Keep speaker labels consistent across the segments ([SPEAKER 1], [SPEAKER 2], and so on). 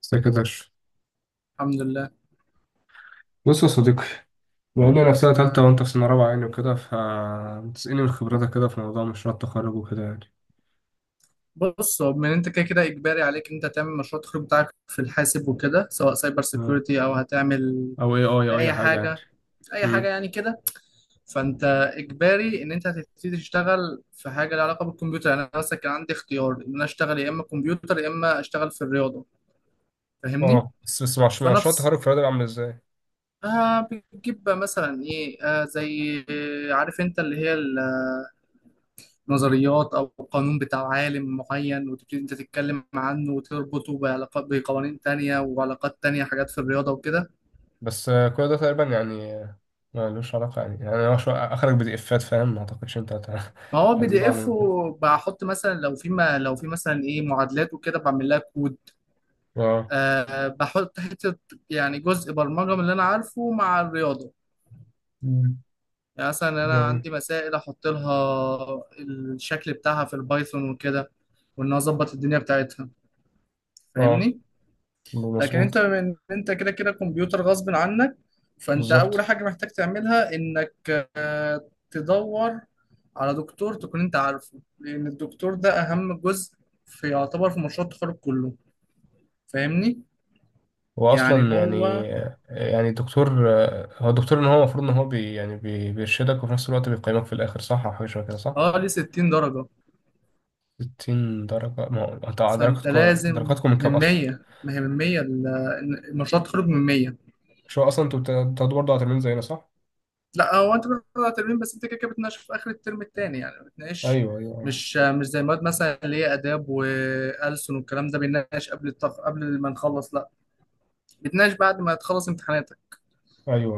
[SPEAKER 1] سكرتير.
[SPEAKER 2] الحمد لله.
[SPEAKER 1] بص يا صديقي، بقول لي نفسنا تالتة
[SPEAKER 2] آه،
[SPEAKER 1] وأنت في سنة رابعة يعني وكده، فتسألني من خبرتك كده في موضوع مشروع التخرج وكده يعني.
[SPEAKER 2] بص، هو من انت كده كده اجباري عليك انت تعمل مشروع التخرج بتاعك في الحاسب وكده، سواء سايبر
[SPEAKER 1] آه.
[SPEAKER 2] سيكيورتي او هتعمل
[SPEAKER 1] أو أي أو
[SPEAKER 2] اي
[SPEAKER 1] أي حاجة يعني.
[SPEAKER 2] حاجه، اي حاجه
[SPEAKER 1] مم.
[SPEAKER 2] يعني كده. فانت اجباري ان انت هتبتدي تشتغل في حاجه لها علاقه بالكمبيوتر. يعني انا مثلا كان عندي اختيار ان انا اشتغل يا اما كمبيوتر يا اما اشتغل في الرياضه. فاهمني؟
[SPEAKER 1] اه، بس مشروع
[SPEAKER 2] فنفس
[SPEAKER 1] التخرج في الرياضة عامل إزاي؟
[SPEAKER 2] آه بتجيب بقى مثلا ايه، زي، عارف انت اللي هي نظريات او قانون بتاع عالم معين، وتبتدي انت تتكلم عنه وتربطه بعلاقات، بقوانين تانية وعلاقات تانية، حاجات في الرياضة وكده.
[SPEAKER 1] بس كل ده تقريبا يعني، ملوش علاقة يعني، يعني أنا أخرج بدي إفات فاهم، ما أعتقدش أنت
[SPEAKER 2] ما هو بي
[SPEAKER 1] هتجيب
[SPEAKER 2] دي
[SPEAKER 1] أعلى
[SPEAKER 2] اف،
[SPEAKER 1] من كده.
[SPEAKER 2] وبحط مثلا لو في، ما لو في مثلا ايه معادلات وكده بعمل لها كود.
[SPEAKER 1] اه.
[SPEAKER 2] أه بحط حتة، يعني جزء برمجة من اللي انا عارفه مع الرياضة.
[SPEAKER 1] مم.
[SPEAKER 2] يعني مثلا انا
[SPEAKER 1] جميل.
[SPEAKER 2] عندي مسائل، احط لها الشكل بتاعها في البايثون وكده، وان أنا اظبط الدنيا بتاعتها.
[SPEAKER 1] اه،
[SPEAKER 2] فاهمني؟ لكن انت
[SPEAKER 1] مظبوط.
[SPEAKER 2] من انت كده كده كمبيوتر غصب عنك. فانت اول
[SPEAKER 1] بالظبط.
[SPEAKER 2] حاجه محتاج تعملها انك تدور على دكتور تكون انت عارفه، لان الدكتور ده اهم جزء في، يعتبر في مشروع التخرج كله. فاهمني؟
[SPEAKER 1] هو
[SPEAKER 2] يعني
[SPEAKER 1] اصلا يعني،
[SPEAKER 2] هو،
[SPEAKER 1] يعني الدكتور، هو الدكتور ان هو المفروض ان هو بي بيرشدك وفي نفس الوقت بيقيمك في الاخر، صح؟ او حاجه شبه كده صح.
[SPEAKER 2] اه ليه 60 درجه.
[SPEAKER 1] 60 درجه؟ ما هو انت
[SPEAKER 2] فانت
[SPEAKER 1] درجاتكم
[SPEAKER 2] لازم
[SPEAKER 1] درجاتكم من كام
[SPEAKER 2] من
[SPEAKER 1] اصلا؟
[SPEAKER 2] 100، ما هي من 100 مشروع التخرج من 100.
[SPEAKER 1] مش هو اصلا انتوا بتاخدوا برضه على ترمين زينا صح؟
[SPEAKER 2] لا، هو انت بتطلع ترمين، بس انت كده كده بتناقش في اخر الترم التاني. يعني بتناقش،
[SPEAKER 1] ايوه ايوه
[SPEAKER 2] مش زي مواد مثلا اللي هي اداب والسن والكلام ده بنناقش قبل قبل ما نخلص، لا بتناقش بعد ما تخلص امتحاناتك.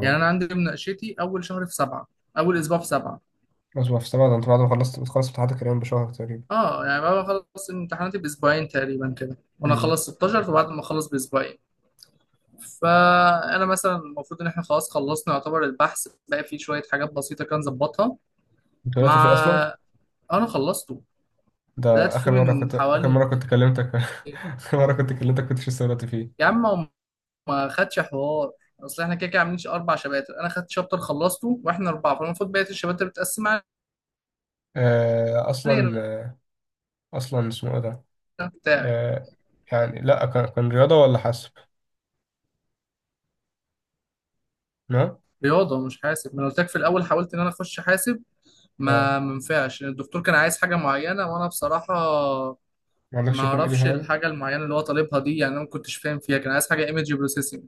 [SPEAKER 2] يعني انا عندي مناقشتي اول شهر في سبعه، اول اسبوع في سبعه.
[SPEAKER 1] اصبر، في سبعة ده انت بعد ما خلصت بتخلص امتحانات الكريم بشهر تقريبا.
[SPEAKER 2] اه يعني بعد ما اخلص امتحاناتي باسبوعين تقريبا كده، وانا
[SPEAKER 1] امم.
[SPEAKER 2] اخلص 16، فبعد ما اخلص باسبوعين. فانا مثلا المفروض ان احنا خلاص خلصنا، يعتبر البحث بقى فيه شويه حاجات بسيطه كان ظبطها.
[SPEAKER 1] انت
[SPEAKER 2] مع
[SPEAKER 1] دلوقتي في اصلا؟
[SPEAKER 2] انا خلصت بدأت
[SPEAKER 1] ده اخر
[SPEAKER 2] فيه
[SPEAKER 1] مره
[SPEAKER 2] من
[SPEAKER 1] كنت، اخر
[SPEAKER 2] حوالي.
[SPEAKER 1] مره كنت كلمتك. اخر مره كنت كلمتك كنتش لسه دلوقتي
[SPEAKER 2] يا
[SPEAKER 1] فيه.
[SPEAKER 2] عم هو ما خدش حوار. اصل احنا كده كده عاملين اربع شباتر، انا خدت شابتر خلصته، واحنا اربعه فالمفروض بقيه الشباتر بتقسم علينا.
[SPEAKER 1] اصلا، اصلا اسمه ايه ده؟
[SPEAKER 2] بتاعي
[SPEAKER 1] آه. يعني لا، كان رياضة ولا حاسب؟ نعم.
[SPEAKER 2] رياضه مش حاسب. ما انا قلت لك في الاول حاولت ان انا اخش حاسب،
[SPEAKER 1] اه،
[SPEAKER 2] ما منفعش. الدكتور كان عايز حاجه معينه، وانا بصراحه
[SPEAKER 1] ما عندكش
[SPEAKER 2] ما
[SPEAKER 1] شغل
[SPEAKER 2] اعرفش
[SPEAKER 1] إليها يعني.
[SPEAKER 2] الحاجه المعينه اللي هو طالبها دي. يعني انا ما كنتش فاهم فيها، كان عايز حاجه ايمج بروسيسنج.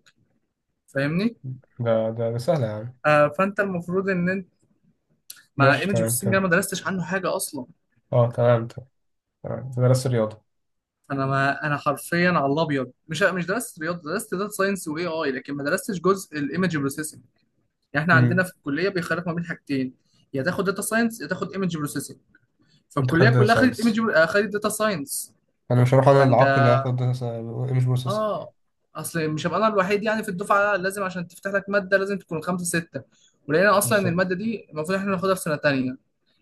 [SPEAKER 2] فاهمني؟
[SPEAKER 1] ده سهلة يعني.
[SPEAKER 2] آه فانت المفروض ان انت، ما
[SPEAKER 1] ماشي،
[SPEAKER 2] ايمج
[SPEAKER 1] تمام
[SPEAKER 2] بروسيسنج انا
[SPEAKER 1] تمام
[SPEAKER 2] ما درستش عنه حاجه اصلا.
[SPEAKER 1] اه، تمام، تمام. تمام. أنت درست رياضة.
[SPEAKER 2] انا حرفيا على الابيض مش درست رياضه، درست داتا ساينس واي اي، لكن ما درستش جزء الايمج بروسيسنج. يعني احنا عندنا
[SPEAKER 1] امم.
[SPEAKER 2] في الكليه بيخالف ما بين حاجتين، يا تاخد داتا ساينس يا تاخد ايمج بروسيسنج.
[SPEAKER 1] انت
[SPEAKER 2] فالكليه
[SPEAKER 1] خدت داتا
[SPEAKER 2] كلها خدت ايمج،
[SPEAKER 1] ساينس.
[SPEAKER 2] خدت داتا ساينس.
[SPEAKER 1] انا مش هروح، انا
[SPEAKER 2] فانت
[SPEAKER 1] العاق اللي هاخد داتا. ايمج بروسيس.
[SPEAKER 2] اه، اصل مش هبقى انا الوحيد يعني في الدفعه، لازم عشان تفتح لك ماده لازم تكون خمسه سته. ولقينا اصلا ان
[SPEAKER 1] بالظبط.
[SPEAKER 2] الماده دي المفروض احنا ناخدها في سنه تانيه.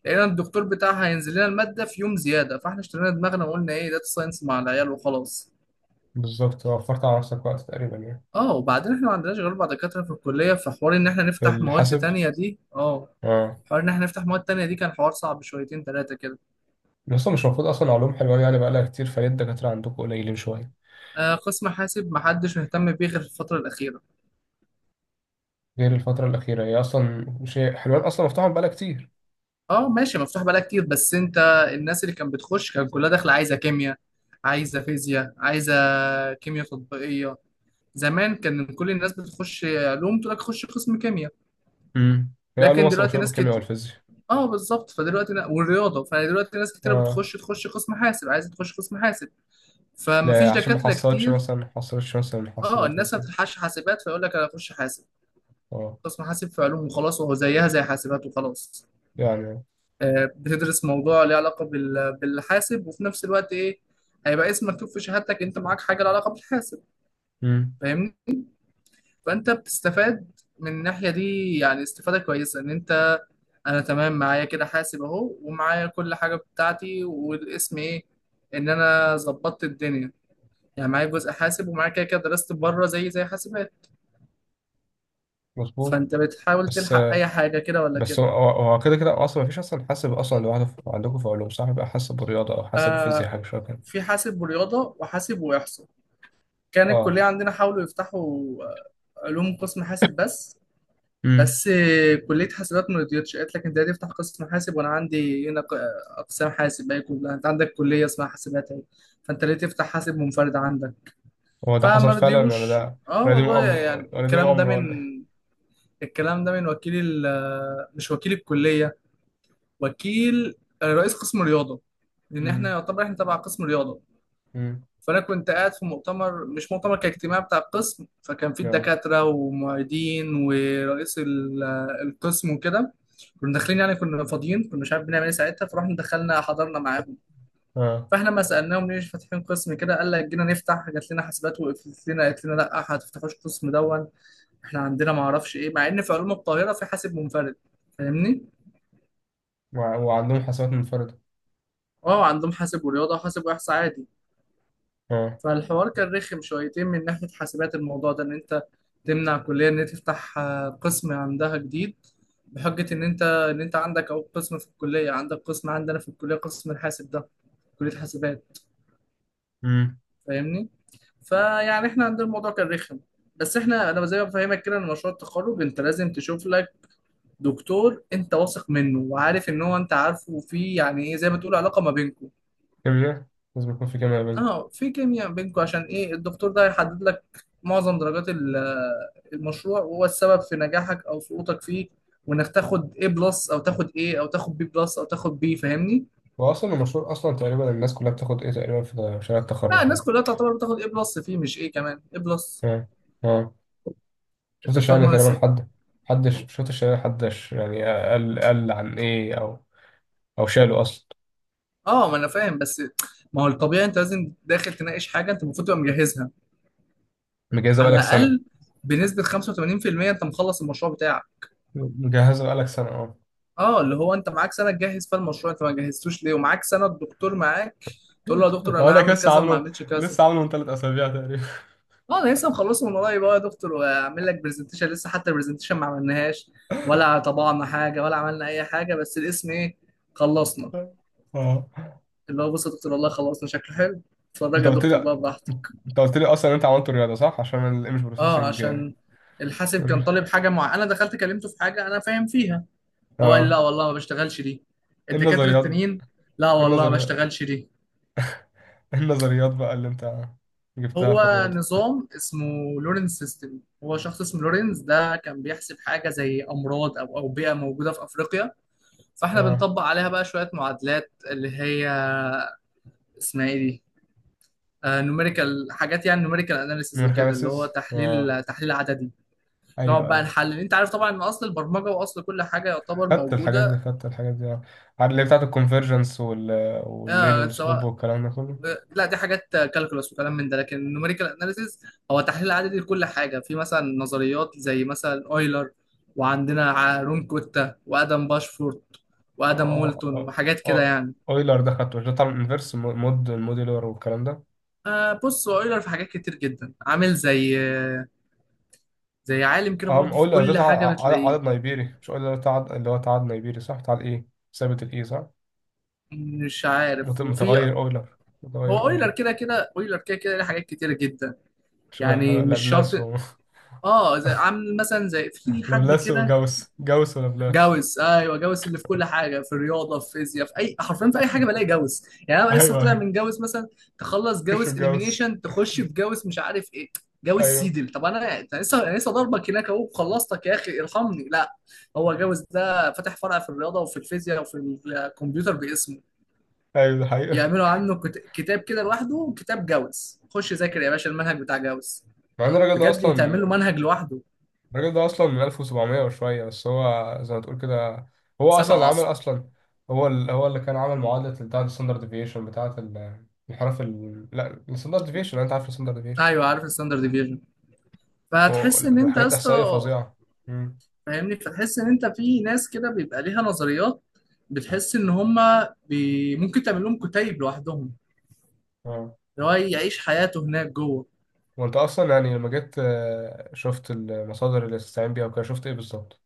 [SPEAKER 2] لقينا الدكتور بتاعها هينزل لنا الماده في يوم زياده، فاحنا اشترينا دماغنا وقلنا ايه داتا ساينس مع العيال وخلاص.
[SPEAKER 1] بالظبط، وفرت على نفسك وقت تقريبا يعني.
[SPEAKER 2] اه وبعدين احنا ما عندناش غير اربع دكاتره في الكليه، فحوار ان احنا
[SPEAKER 1] في
[SPEAKER 2] نفتح مواد
[SPEAKER 1] الحاسب.
[SPEAKER 2] تانية دي اه
[SPEAKER 1] اه.
[SPEAKER 2] حوار ان احنا نفتح مواد تانية دي كان حوار صعب شويتين ثلاثه كده.
[SPEAKER 1] بس مش المفروض اصلا علوم حلوان يعني بقالها كتير، فليه الدكاترة عندكم قليلين شوية؟
[SPEAKER 2] آه قسم حاسب ما حدش مهتم بيه غير في الفتره الاخيره.
[SPEAKER 1] غير الفترة الأخيرة، هي أصلا مش هي- حلوان أصلا مفتوحة بقالها كتير.
[SPEAKER 2] اه ماشي، مفتوح بقالها كتير، بس انت الناس اللي كانت بتخش كان كلها داخله عايزه كيمياء، عايزه فيزياء، عايزه كيمياء تطبيقيه. زمان كان كل الناس بتخش علوم تقول لك خش قسم كيمياء.
[SPEAKER 1] امم، هي علوم
[SPEAKER 2] لكن
[SPEAKER 1] أصلا
[SPEAKER 2] دلوقتي
[SPEAKER 1] مشهورة
[SPEAKER 2] ناس
[SPEAKER 1] بالكيمياء
[SPEAKER 2] كتير،
[SPEAKER 1] والفيزياء.
[SPEAKER 2] اه بالظبط، فدلوقتي نا... والرياضه فدلوقتي ناس كتيره
[SPEAKER 1] اه.
[SPEAKER 2] تخش قسم حاسب، عايزه تخش قسم حاسب. فما فيش
[SPEAKER 1] لا، عشان ما
[SPEAKER 2] دكاترة
[SPEAKER 1] حصلتش
[SPEAKER 2] كتير.
[SPEAKER 1] مثلا، ما حصلتش مثلا
[SPEAKER 2] اه
[SPEAKER 1] الحاسبات
[SPEAKER 2] الناس ما
[SPEAKER 1] مثلا.
[SPEAKER 2] بتلحقش حاسبات فيقول لك انا اخش حاسب،
[SPEAKER 1] اه.
[SPEAKER 2] قسم حاسب في علوم وخلاص، وهو زيها زي حاسبات وخلاص.
[SPEAKER 1] يعني.
[SPEAKER 2] بتدرس موضوع ليه علاقة بالحاسب، وفي نفس الوقت ايه، هيبقى اسم مكتوب في شهادتك انت معاك حاجة لها علاقة بالحاسب.
[SPEAKER 1] امم.
[SPEAKER 2] فاهمني؟ فانت بتستفاد من الناحية دي. يعني استفادة كويسة ان انت، انا تمام معايا كده حاسب اهو، ومعايا كل حاجة بتاعتي، والاسم ايه، ان انا ظبطت الدنيا. يعني معايا جزء حاسب ومعايا كده كده درست بره زي حاسبات.
[SPEAKER 1] مظبوط.
[SPEAKER 2] فانت بتحاول
[SPEAKER 1] بس،
[SPEAKER 2] تلحق اي حاجه كده ولا
[SPEAKER 1] بس هو
[SPEAKER 2] كده.
[SPEAKER 1] هو هو كده كده اصلا ما فيش اصلا حاسب اصلا لوحده عندكم في علوم صح؟ بيبقى حاسب ورياضه او حاسب وفيزياء
[SPEAKER 2] آه
[SPEAKER 1] حاجه شبه كده.
[SPEAKER 2] في حاسب ورياضه، وحاسب واحصاء. كان
[SPEAKER 1] اه.
[SPEAKER 2] الكليه عندنا حاولوا يفتحوا آه، علوم قسم حاسب بس.
[SPEAKER 1] امم.
[SPEAKER 2] بس كليه حاسبات ما رضيتش، قالت لك انت هتفتح قسم حاسب وانا عندي هنا اقسام حاسب، باقي كلها انت عندك كليه اسمها حاسبات اهي، فانت ليه تفتح حاسب منفرد عندك؟
[SPEAKER 1] هو ده حصل
[SPEAKER 2] فما
[SPEAKER 1] فعلا ولا
[SPEAKER 2] رضيوش.
[SPEAKER 1] ده،
[SPEAKER 2] اه
[SPEAKER 1] ولا دي
[SPEAKER 2] والله،
[SPEAKER 1] مؤامره؟
[SPEAKER 2] يعني
[SPEAKER 1] ولا ولا دي
[SPEAKER 2] الكلام ده
[SPEAKER 1] مؤامره
[SPEAKER 2] من،
[SPEAKER 1] ولا
[SPEAKER 2] الكلام ده من وكيل مش وكيل الكليه، وكيل رئيس قسم رياضه، لان احنا
[SPEAKER 1] امم.
[SPEAKER 2] يعتبر احنا تبع قسم رياضه.
[SPEAKER 1] امم.
[SPEAKER 2] فانا كنت قاعد في مؤتمر، مش مؤتمر، كاجتماع بتاع القسم، فكان فيه
[SPEAKER 1] نعم.
[SPEAKER 2] الدكاتره ومعيدين ورئيس القسم وكده. كنا داخلين، يعني كنا فاضيين، كنا مش عارف بنعمل ايه ساعتها، فرحنا دخلنا حضرنا معاهم.
[SPEAKER 1] اه.
[SPEAKER 2] فاحنا ما سالناهم ليش فاتحين قسم كده، قال لك جينا نفتح جات لنا حاسبات وقفلت لنا، قالت لنا لا هتفتحوش قسم دون. احنا عندنا ما اعرفش ايه، مع ان في علوم القاهره في حاسب منفرد. فاهمني؟
[SPEAKER 1] وعندهم حاسبات منفرده؟
[SPEAKER 2] اه عندهم حاسب ورياضه وحاسب واحصاء عادي.
[SPEAKER 1] اه.
[SPEAKER 2] فالحوار كان رخم شويتين من ناحية حاسبات، الموضوع ده إن أنت تمنع كلية إن هي تفتح قسم عندها جديد، بحجة إن أنت، إن أنت عندك أهو قسم في الكلية، عندك قسم عندنا في الكلية قسم الحاسب ده، كلية حاسبات.
[SPEAKER 1] امم.
[SPEAKER 2] فاهمني؟ فيعني إحنا عندنا الموضوع كان رخم. بس إحنا، أنا زي ما بفهمك كده، إن مشروع التخرج أنت لازم تشوف لك دكتور أنت واثق منه وعارف إن هو أنت عارفه، وفيه يعني إيه، زي ما تقول علاقة ما بينكم.
[SPEAKER 1] كيمياء، لازم يكون في كيمياء بينكم.
[SPEAKER 2] اه في كيمياء بينكم، عشان ايه؟ الدكتور ده هيحدد لك معظم درجات المشروع، وهو السبب في نجاحك او سقوطك فيه، وانك تاخد A بلس او تاخد A او تاخد B بلس او تاخد B. فاهمني؟
[SPEAKER 1] واصلا المشروع اصلا تقريبا الناس كلها بتاخد ايه تقريبا في مشاريع
[SPEAKER 2] لا
[SPEAKER 1] التخرج
[SPEAKER 2] الناس
[SPEAKER 1] ولا؟
[SPEAKER 2] كلها تعتبر بتاخد A بلس فيه، مش A كمان، A بلس.
[SPEAKER 1] اه. اه، شفت
[SPEAKER 2] انت
[SPEAKER 1] الشعر
[SPEAKER 2] بتضمن
[SPEAKER 1] تقريبا
[SPEAKER 2] الست؟
[SPEAKER 1] حد، حدش شفت الشعر؟ حدش يعني قال عن ايه او او شاله اصلا؟
[SPEAKER 2] اه ما انا فاهم، بس ما هو الطبيعي انت لازم داخل تناقش حاجه انت المفروض تبقى مجهزها
[SPEAKER 1] مجهزه
[SPEAKER 2] على
[SPEAKER 1] بقالك سنه.
[SPEAKER 2] الاقل بنسبه 85%. انت مخلص المشروع بتاعك؟
[SPEAKER 1] مجهزه بقالك سنه، اه.
[SPEAKER 2] اه اللي هو انت معاك سنه تجهز فيها المشروع، انت ما جهزتوش ليه ومعاك سنه؟ الدكتور معاك، تقول له يا دكتور انا
[SPEAKER 1] اقول لك
[SPEAKER 2] هعمل
[SPEAKER 1] لسه
[SPEAKER 2] كذا، وما
[SPEAKER 1] عامله،
[SPEAKER 2] عملتش كذا.
[SPEAKER 1] لسه عامله من ثلاث اسابيع تقريبا.
[SPEAKER 2] اه انا لسه مخلصه من قريب، اه يا دكتور واعمل لك برزنتيشن. لسه حتى البرزنتيشن ما عملناهاش، ولا طبعنا حاجه، ولا عملنا اي حاجه، بس الاسم ايه، خلصنا.
[SPEAKER 1] اه،
[SPEAKER 2] اللي هو بص يا دكتور والله خلصنا، شكله حلو، اتفرج
[SPEAKER 1] انت
[SPEAKER 2] يا
[SPEAKER 1] قلت
[SPEAKER 2] دكتور
[SPEAKER 1] لي،
[SPEAKER 2] بقى براحتك.
[SPEAKER 1] انت قلت لي اصلا انت عملت رياضه صح عشان الايمج
[SPEAKER 2] اه
[SPEAKER 1] بروسيسنج.
[SPEAKER 2] عشان الحاسب كان طالب حاجه معينه، انا دخلت كلمته في حاجه انا فاهم فيها. هو قال لي لا
[SPEAKER 1] اه.
[SPEAKER 2] والله ما بشتغلش دي.
[SPEAKER 1] ايه
[SPEAKER 2] الدكاتره
[SPEAKER 1] النظريات؟ ايه
[SPEAKER 2] التانيين، لا والله ما
[SPEAKER 1] النظريات؟
[SPEAKER 2] بشتغلش دي.
[SPEAKER 1] ايه النظريات بقى اللي انت جبتها في
[SPEAKER 2] هو
[SPEAKER 1] الرياضه؟
[SPEAKER 2] نظام اسمه لورنز سيستم، هو شخص اسمه لورنز ده كان بيحسب حاجة زي أمراض أو أوبئة موجودة في أفريقيا. فإحنا
[SPEAKER 1] اه،
[SPEAKER 2] بنطبق عليها بقى شوية معادلات اللي هي اسمها إيه دي؟ نوميريكال حاجات، يعني نوميريكال أناليسيز
[SPEAKER 1] من
[SPEAKER 2] وكده، اللي هو
[SPEAKER 1] خامسز. اه،
[SPEAKER 2] تحليل عددي. نقعد
[SPEAKER 1] ايوه
[SPEAKER 2] بقى
[SPEAKER 1] ايوه.
[SPEAKER 2] نحلل، أنت عارف طبعا إن أصل البرمجة وأصل كل حاجة يعتبر
[SPEAKER 1] خدت الحاجات دي
[SPEAKER 2] موجودة.
[SPEAKER 1] خدت الحاجات دي آه. عارف اللي هي بتاعت الكونفرجنس وال... والميل
[SPEAKER 2] آه
[SPEAKER 1] والسلوب
[SPEAKER 2] سواء،
[SPEAKER 1] والكلام ده كله.
[SPEAKER 2] لا دي حاجات كالكولس وكلام من ده، لكن النوميريكال اناليسيز هو تحليل عددي لكل حاجه، في مثلا نظريات زي مثلا اويلر، وعندنا رون كوتا، وادم باشفورت، وادم
[SPEAKER 1] آه،
[SPEAKER 2] مولتون،
[SPEAKER 1] آه،
[SPEAKER 2] وحاجات كده
[SPEAKER 1] آه.
[SPEAKER 2] يعني.
[SPEAKER 1] اويلر ده خدته، مش ده بتاع الانفرس مود الموديلر والكلام ده؟
[SPEAKER 2] آه بص هو اويلر في حاجات كتير جدا، عامل زي عالم كده
[SPEAKER 1] اه،
[SPEAKER 2] برضه في
[SPEAKER 1] اويلر ده
[SPEAKER 2] كل
[SPEAKER 1] بتاع
[SPEAKER 2] حاجه بتلاقيه.
[SPEAKER 1] عدد نيبيري، مش اويلر بتاع اللي هو بتاع عدد نيبيري صح، بتاع الايه، ثابت الايه صح؟
[SPEAKER 2] مش عارف، وفي،
[SPEAKER 1] متغير اويلر،
[SPEAKER 2] هو
[SPEAKER 1] متغير اويلر.
[SPEAKER 2] اويلر كده كده، اويلر كده كده ليه حاجات كتير جدا،
[SPEAKER 1] شبه
[SPEAKER 2] يعني مش
[SPEAKER 1] لابلاس
[SPEAKER 2] شرط.
[SPEAKER 1] و...
[SPEAKER 2] اه زي عامل مثلا زي في حد
[SPEAKER 1] لابلاس
[SPEAKER 2] كده،
[SPEAKER 1] وجاوس، جاوس ولابلاس.
[SPEAKER 2] جوز، ايوه جوز اللي في كل حاجه، في الرياضه، في فيزياء، في اي، حرفيا في اي حاجه بلاقي جوز، يعني انا لسه
[SPEAKER 1] ايوه
[SPEAKER 2] طالع
[SPEAKER 1] ايوه.
[SPEAKER 2] من جوز مثلا. تخلص
[SPEAKER 1] مش
[SPEAKER 2] جوز
[SPEAKER 1] جاوس.
[SPEAKER 2] اليمينيشن تخش في جوز مش عارف ايه، جوز
[SPEAKER 1] ايوه
[SPEAKER 2] سيدل. طب انا، أنا لسه ضربك هناك اهو، خلصتك يا اخي، ارحمني، لا. هو جوز ده فاتح فرع في الرياضه وفي الفيزياء وفي الكمبيوتر باسمه.
[SPEAKER 1] ايوه، ده حقيقة.
[SPEAKER 2] يعملوا عنه كتاب كده لوحده. كتاب جوز، خش ذاكر يا باشا المنهج بتاع جوز،
[SPEAKER 1] مع ان الراجل ده
[SPEAKER 2] بجد تعمل له
[SPEAKER 1] اصلا،
[SPEAKER 2] منهج لوحده،
[SPEAKER 1] الراجل ده اصلا من 1700 وشويه، بس هو زي ما تقول كده هو اصلا
[SPEAKER 2] سابع
[SPEAKER 1] اللي عمل
[SPEAKER 2] عصره.
[SPEAKER 1] اصلا، هو ال... هو اللي كان عامل معادله بتاعه الستاندرد ديفيشن بتاعه الانحراف ال... لا، الستاندرد ديفيشن، انت عارف الستاندرد ديفيشن،
[SPEAKER 2] ايوه عارف الستاندرد ديفيجن. فهتحس ان انت يا
[SPEAKER 1] حاجات
[SPEAKER 2] اسطى،
[SPEAKER 1] احصائيه فظيعه. امم.
[SPEAKER 2] فاهمني؟ فتحس ان انت، في ناس كده بيبقى ليها نظريات، بتحس ان هم ممكن تعمل لهم كتيب لوحدهم،
[SPEAKER 1] اه،
[SPEAKER 2] اللي هو يعيش حياته هناك جوه.
[SPEAKER 1] وانت اصلا يعني لما جيت شفت المصادر اللي تستعين بيها وكده، شفت ايه بالظبط؟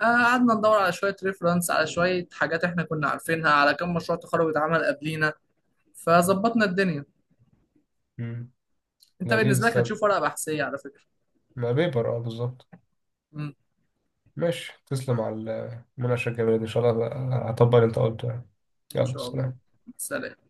[SPEAKER 2] قعدنا ندور على شويه ريفرنس، على شويه حاجات احنا كنا عارفينها، على كم مشروع تخرج اتعمل قبلينا، فظبطنا الدنيا.
[SPEAKER 1] امم.
[SPEAKER 2] انت
[SPEAKER 1] لذيذ،
[SPEAKER 2] بالنسبه لك
[SPEAKER 1] استنى.
[SPEAKER 2] هتشوف ورقه بحثيه على فكره.
[SPEAKER 1] ما بيبر، اه، بالظبط.
[SPEAKER 2] امم،
[SPEAKER 1] ماشي، تسلم على المناقشه الجميله دي ان شاء الله. هطبق اللي انت قلته يعني.
[SPEAKER 2] ان
[SPEAKER 1] يلا،
[SPEAKER 2] شاء الله.
[SPEAKER 1] سلام.
[SPEAKER 2] سلام.